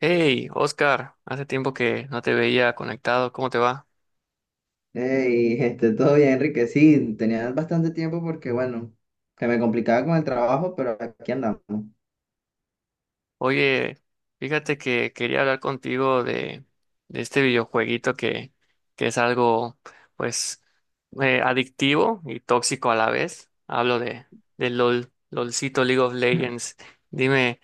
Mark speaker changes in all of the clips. Speaker 1: Hey, Oscar, hace tiempo que no te veía conectado, ¿cómo te va?
Speaker 2: Hey, todo bien, Enrique. Sí, tenía bastante tiempo porque, bueno, que me complicaba con el trabajo, pero aquí andamos.
Speaker 1: Oye, fíjate que quería hablar contigo de este videojueguito que es algo, pues, adictivo y tóxico a la vez. Hablo de LOL, LOLcito League of Legends. Dime,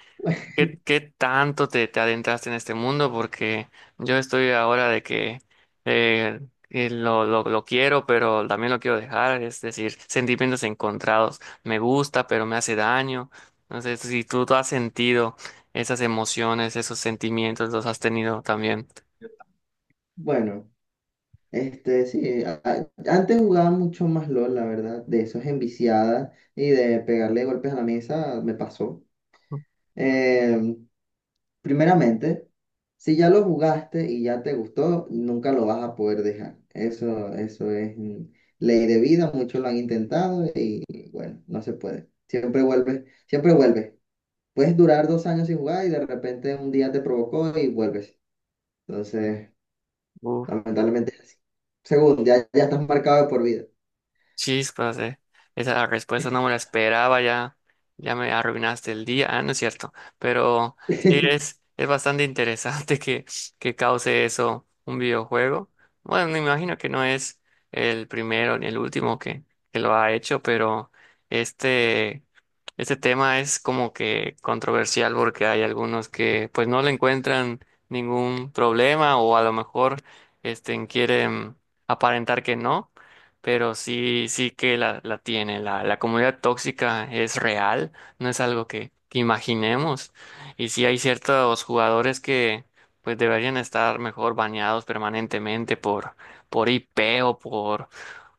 Speaker 1: Qué tanto te adentraste en este mundo? Porque yo estoy ahora de que eh, lo quiero, pero también lo quiero dejar, es decir, sentimientos encontrados. Me gusta, pero me hace daño. No sé si tú has sentido esas emociones, esos sentimientos, los has tenido también.
Speaker 2: Bueno, sí, antes jugaba mucho más LOL, la verdad, de esos enviciadas y de pegarle golpes a la mesa, me pasó. Eh, Primeramente, si ya lo jugaste y ya te gustó, nunca lo vas a poder dejar. Eso es ley de vida, muchos lo han intentado y, bueno, no se puede. Siempre vuelves, siempre vuelves. Puedes durar 2 años sin jugar y de repente un día te provocó y vuelves. Entonces,
Speaker 1: Uf.
Speaker 2: lamentablemente es así. Segundo, ya, ya estás marcado de por vida.
Speaker 1: Chispas, eh. Esa respuesta no me la esperaba, ya me arruinaste el día. Ah, no es cierto. Pero sí es bastante interesante que cause eso un videojuego. Bueno, me imagino que no es el primero ni el último que lo ha hecho, pero este, este tema es como que controversial porque hay algunos que pues no le encuentran ningún problema o a lo mejor quieren aparentar que no, pero sí, sí que la tiene. La comunidad tóxica es real, no es algo que imaginemos. Y sí hay ciertos jugadores que pues deberían estar mejor baneados permanentemente por IP o por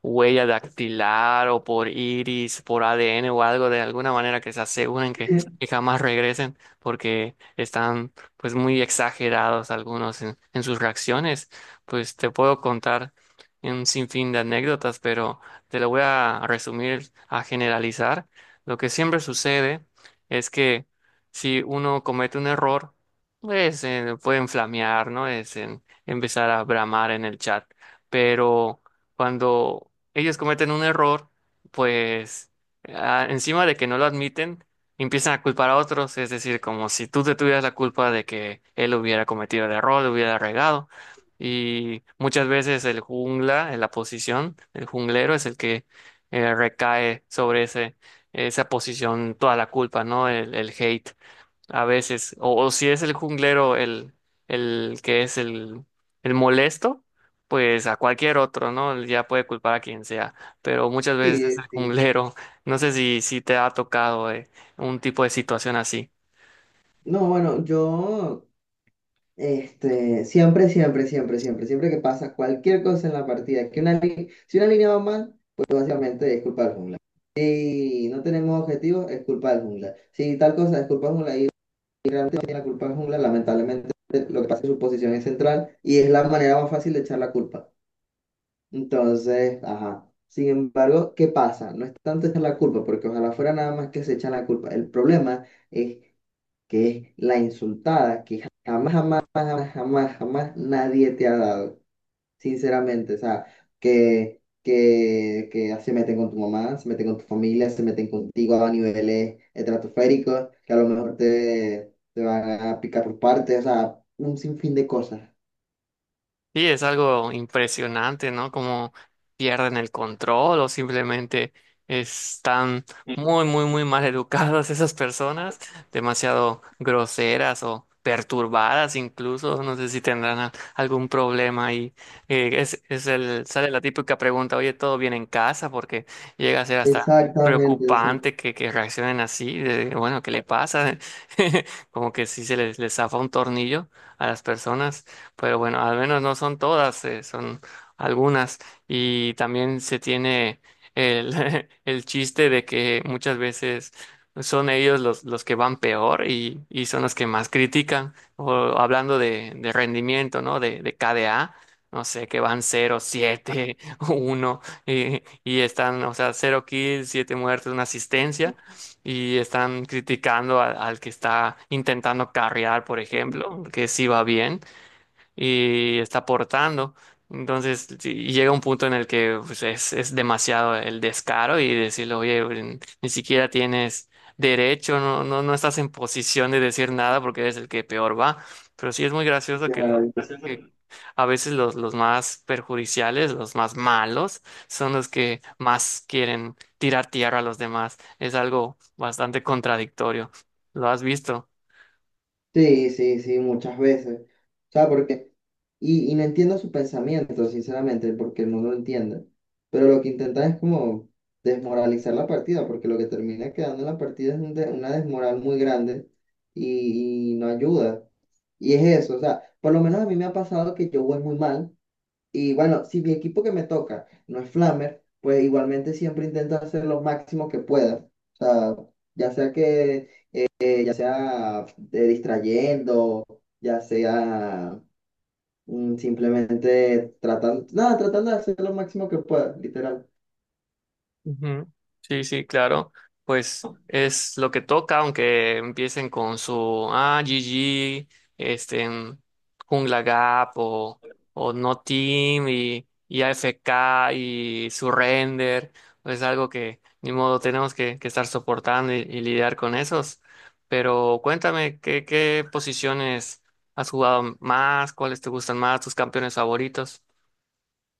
Speaker 1: huella dactilar o por iris, por ADN o algo de alguna manera que se aseguren que jamás regresen porque están pues muy exagerados algunos en sus reacciones. Pues te puedo contar y un sinfín de anécdotas, pero te lo voy a resumir, a generalizar. Lo que siempre sucede es que si uno comete un error, pues pueden flamear, ¿no? Es empezar a bramar en el chat. Pero cuando ellos cometen un error, pues ah, encima de que no lo admiten, empiezan a culpar a otros, es decir, como si tú te tuvieras la culpa de que él hubiera cometido el error, lo hubiera regado. Y muchas veces el jungla, en la posición, el junglero es el que recae sobre esa posición toda la culpa, ¿no? El hate. A veces, o si es el junglero el que es el molesto, pues a cualquier otro, ¿no? Ya puede culpar a quien sea, pero muchas veces es
Speaker 2: Sí,
Speaker 1: el
Speaker 2: sí.
Speaker 1: junglero. No sé si te ha tocado un tipo de situación así.
Speaker 2: No, bueno, siempre, siempre, siempre, siempre, siempre que pasa cualquier cosa en la partida, que una si una línea va mal, pues básicamente es culpa del jungla. Si no tenemos objetivos, es culpa del jungla. Si tal cosa es culpa del jungla y realmente no tiene la culpa del jungla, lamentablemente lo que pasa es que su posición es central y es la manera más fácil de echar la culpa. Entonces, ajá. Sin embargo, ¿qué pasa? No es tanto echar la culpa, porque ojalá fuera nada más que se echan la culpa. El problema es que es la insultada que jamás, jamás, jamás, jamás, jamás nadie te ha dado, sinceramente. O sea, que se meten con tu mamá, se meten con tu familia, se meten contigo a niveles estratosféricos, que a lo mejor te van a picar por partes, o sea, un sinfín de cosas.
Speaker 1: Sí, es algo impresionante, ¿no? Como pierden el control o simplemente están muy, muy, muy mal educadas esas personas, demasiado groseras o perturbadas incluso, no sé si tendrán algún problema ahí. Es sale la típica pregunta, oye, ¿todo bien en casa? Porque llega a ser hasta
Speaker 2: Exactamente, son.
Speaker 1: preocupante que reaccionen así, de, bueno, ¿qué le pasa? Como que sí les zafa un tornillo a las personas, pero bueno, al menos no son todas, son algunas. Y también se tiene el chiste de que muchas veces son ellos los que van peor y son los que más critican, o hablando de rendimiento, ¿no? De KDA. No sé, que van cero siete uno y están, o sea, cero kills, 7 muertes, una asistencia y están criticando al que está intentando carrear, por ejemplo, que sí va bien, y está aportando. Entonces sí, llega un punto en el que pues, es demasiado el descaro y decirle, oye, ni siquiera tienes derecho, no estás en posición de decir nada porque eres el que peor va. Pero sí es muy gracioso que que a veces los más perjudiciales, los más malos, son los que más quieren tirar tierra a los demás. Es algo bastante contradictorio. ¿Lo has visto?
Speaker 2: Sí, sí, sí, muchas veces. O sea, porque, y no entiendo su pensamiento, sinceramente, porque no lo entiende. Pero lo que intentan es como desmoralizar la partida, porque lo que termina quedando en la partida es un una desmoral muy grande y no ayuda. Y es eso, o sea, por lo menos a mí me ha pasado que yo voy muy mal. Y bueno, si mi equipo que me toca no es Flamer, pues igualmente siempre intento hacer lo máximo que pueda. O sea, ya sea que ya sea distrayendo, ya sea simplemente tratando, nada, tratando de hacer lo máximo que pueda, literal.
Speaker 1: Ujú. Sí, sí, claro. Pues es lo que toca, aunque empiecen con su ah, GG, este, en Jungla Gap o No Team y AFK y Surrender. Es algo que ni modo tenemos que estar soportando y lidiar con esos. Pero cuéntame, qué posiciones has jugado más? ¿Cuáles te gustan más? ¿Tus campeones favoritos?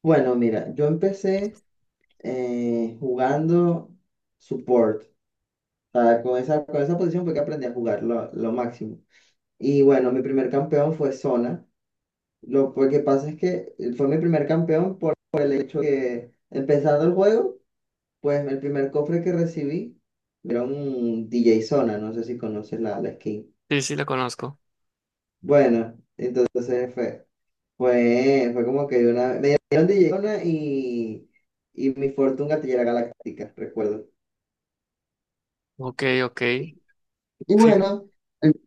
Speaker 2: Bueno, mira, yo empecé jugando support. O sea, con esa posición fue que aprendí a jugar lo máximo. Y bueno, mi primer campeón fue Zona. Lo que pasa es que fue mi primer campeón por el hecho que empezando el juego. Pues el primer cofre que recibí era un DJ Zona, no sé si conoces la skin.
Speaker 1: Sí, sí, la conozco.
Speaker 2: Bueno, entonces fue como que una, me dieron DJ Zona y mi Fortune Gatillera Galáctica, recuerdo.
Speaker 1: Ok, ok.
Speaker 2: Y
Speaker 1: Fíjate.
Speaker 2: bueno,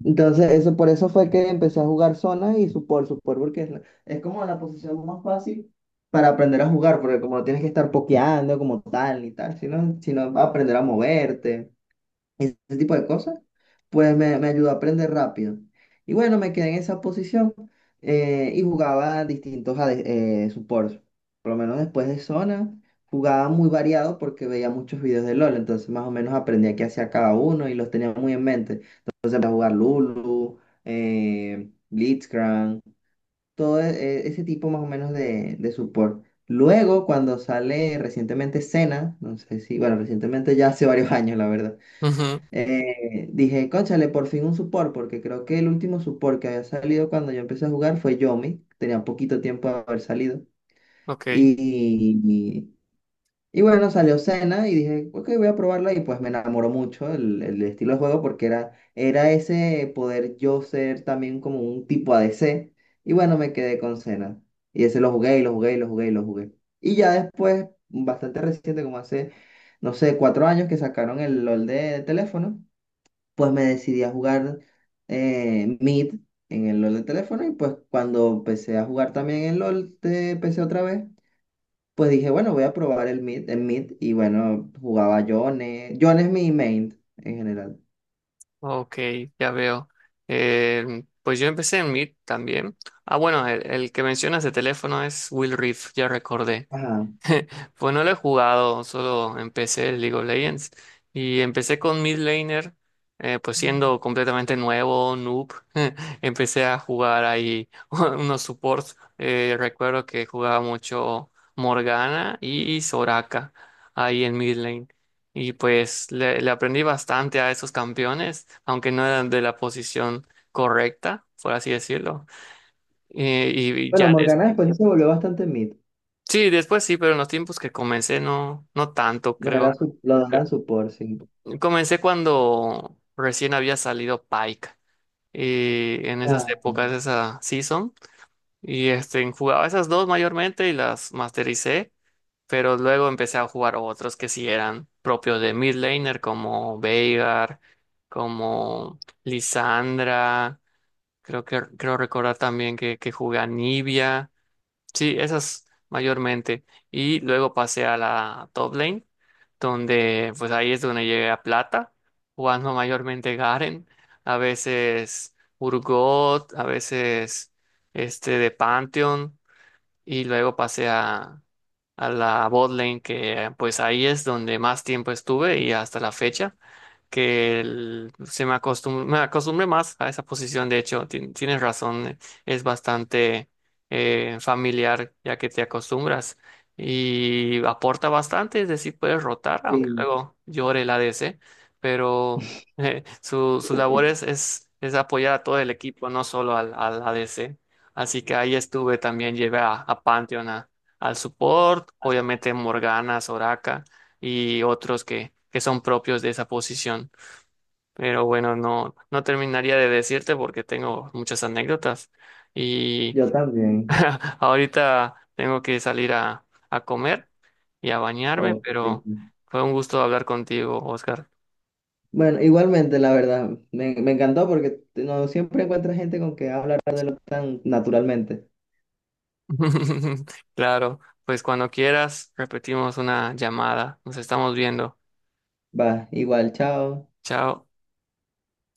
Speaker 2: entonces eso por eso fue que empecé a jugar Zona y Support, Support, porque es como la posición más fácil para aprender a jugar, porque como no tienes que estar pokeando como tal y tal, sino aprender a moverte. Ese tipo de cosas, pues me ayudó a aprender rápido. Y bueno, me quedé en esa posición y jugaba distintos AD supports. Por lo menos después de zona, jugaba muy variado porque veía muchos videos de LOL, entonces más o menos aprendía qué hacía cada uno y los tenía muy en mente. Entonces empecé a jugar Lulu, Blitzcrank, todo e- ese tipo más o menos de support. Luego, cuando sale recientemente Senna, no sé si, bueno, recientemente ya hace varios años, la verdad
Speaker 1: Ujú,
Speaker 2: dije, cónchale, por fin un support, porque creo que el último support que había salido cuando yo empecé a jugar fue Yomi, tenía poquito tiempo de haber salido.
Speaker 1: ok.
Speaker 2: Y, y- bueno, salió Senna y dije, ok, voy a probarla y pues me enamoró mucho el estilo de juego porque era ese poder yo ser también como un tipo ADC. Y bueno, me quedé con Senna. Y ese lo jugué y lo jugué y lo jugué y lo jugué. Y ya después, bastante reciente, como hace, no sé, 4 años que sacaron el LOL de teléfono, pues me decidí a jugar Mid en el LOL de teléfono y pues cuando empecé a jugar también en LOL de PC otra vez, pues dije, bueno, voy a probar el Mid y bueno, jugaba Yone. Yone es mi main en general.
Speaker 1: Ok, ya veo. Pues yo empecé en Meet también. Ah, bueno, el que mencionas de teléfono es Will Reef, ya recordé.
Speaker 2: Ajá.
Speaker 1: Pues no lo he jugado, solo empecé el League of Legends y empecé con mid laner, pues siendo completamente nuevo, noob, empecé a jugar ahí unos supports. Eh, recuerdo que jugaba mucho Morgana y Soraka ahí en mid lane y pues le aprendí bastante a esos campeones, aunque no eran de la posición correcta, por así decirlo. Y
Speaker 2: Bueno,
Speaker 1: ya
Speaker 2: Morgana después se volvió bastante Mid.
Speaker 1: sí, después sí, pero en los tiempos que comencé no, no tanto,
Speaker 2: No era
Speaker 1: creo.
Speaker 2: su, lo
Speaker 1: Yo-
Speaker 2: daban support, sí.
Speaker 1: Comencé cuando recién había salido Pike y en esas
Speaker 2: Ah,
Speaker 1: épocas, esa season, y este, jugaba esas dos mayormente y las mastericé, pero luego empecé a jugar otros que sí eran propios de mid laner como Veigar, como Lisandra, creo que creo recordar también que jugué a Nibia. Sí, esas mayormente. Y luego pasé a la top lane, donde pues ahí es donde llegué a plata, jugando mayormente Garen, a veces Urgot, a veces este de Pantheon, y luego pasé a la bot lane, que pues ahí es donde más tiempo estuve y hasta la fecha que me acostumbre más a esa posición. De hecho, tienes razón, es bastante familiar ya que te acostumbras y aporta bastante, es decir, puedes rotar, aunque
Speaker 2: sí,
Speaker 1: luego llore el ADC, pero su labor es apoyar a todo el equipo, no solo al ADC. Así que ahí estuve también, llevé a Pantheon al support, obviamente Morgana, Soraka y otros que son propios de esa posición. Pero bueno, no terminaría de decirte porque tengo muchas anécdotas y
Speaker 2: yo también.
Speaker 1: ahorita tengo que salir a comer y a bañarme,
Speaker 2: Oh, qué
Speaker 1: pero
Speaker 2: triste.
Speaker 1: fue un gusto hablar contigo, Oscar.
Speaker 2: Bueno, igualmente, la verdad, me encantó porque no siempre encuentras gente con que hablar de lo tan naturalmente.
Speaker 1: Claro, pues cuando quieras repetimos una llamada. Nos estamos viendo.
Speaker 2: Va, igual, chao.
Speaker 1: Chao.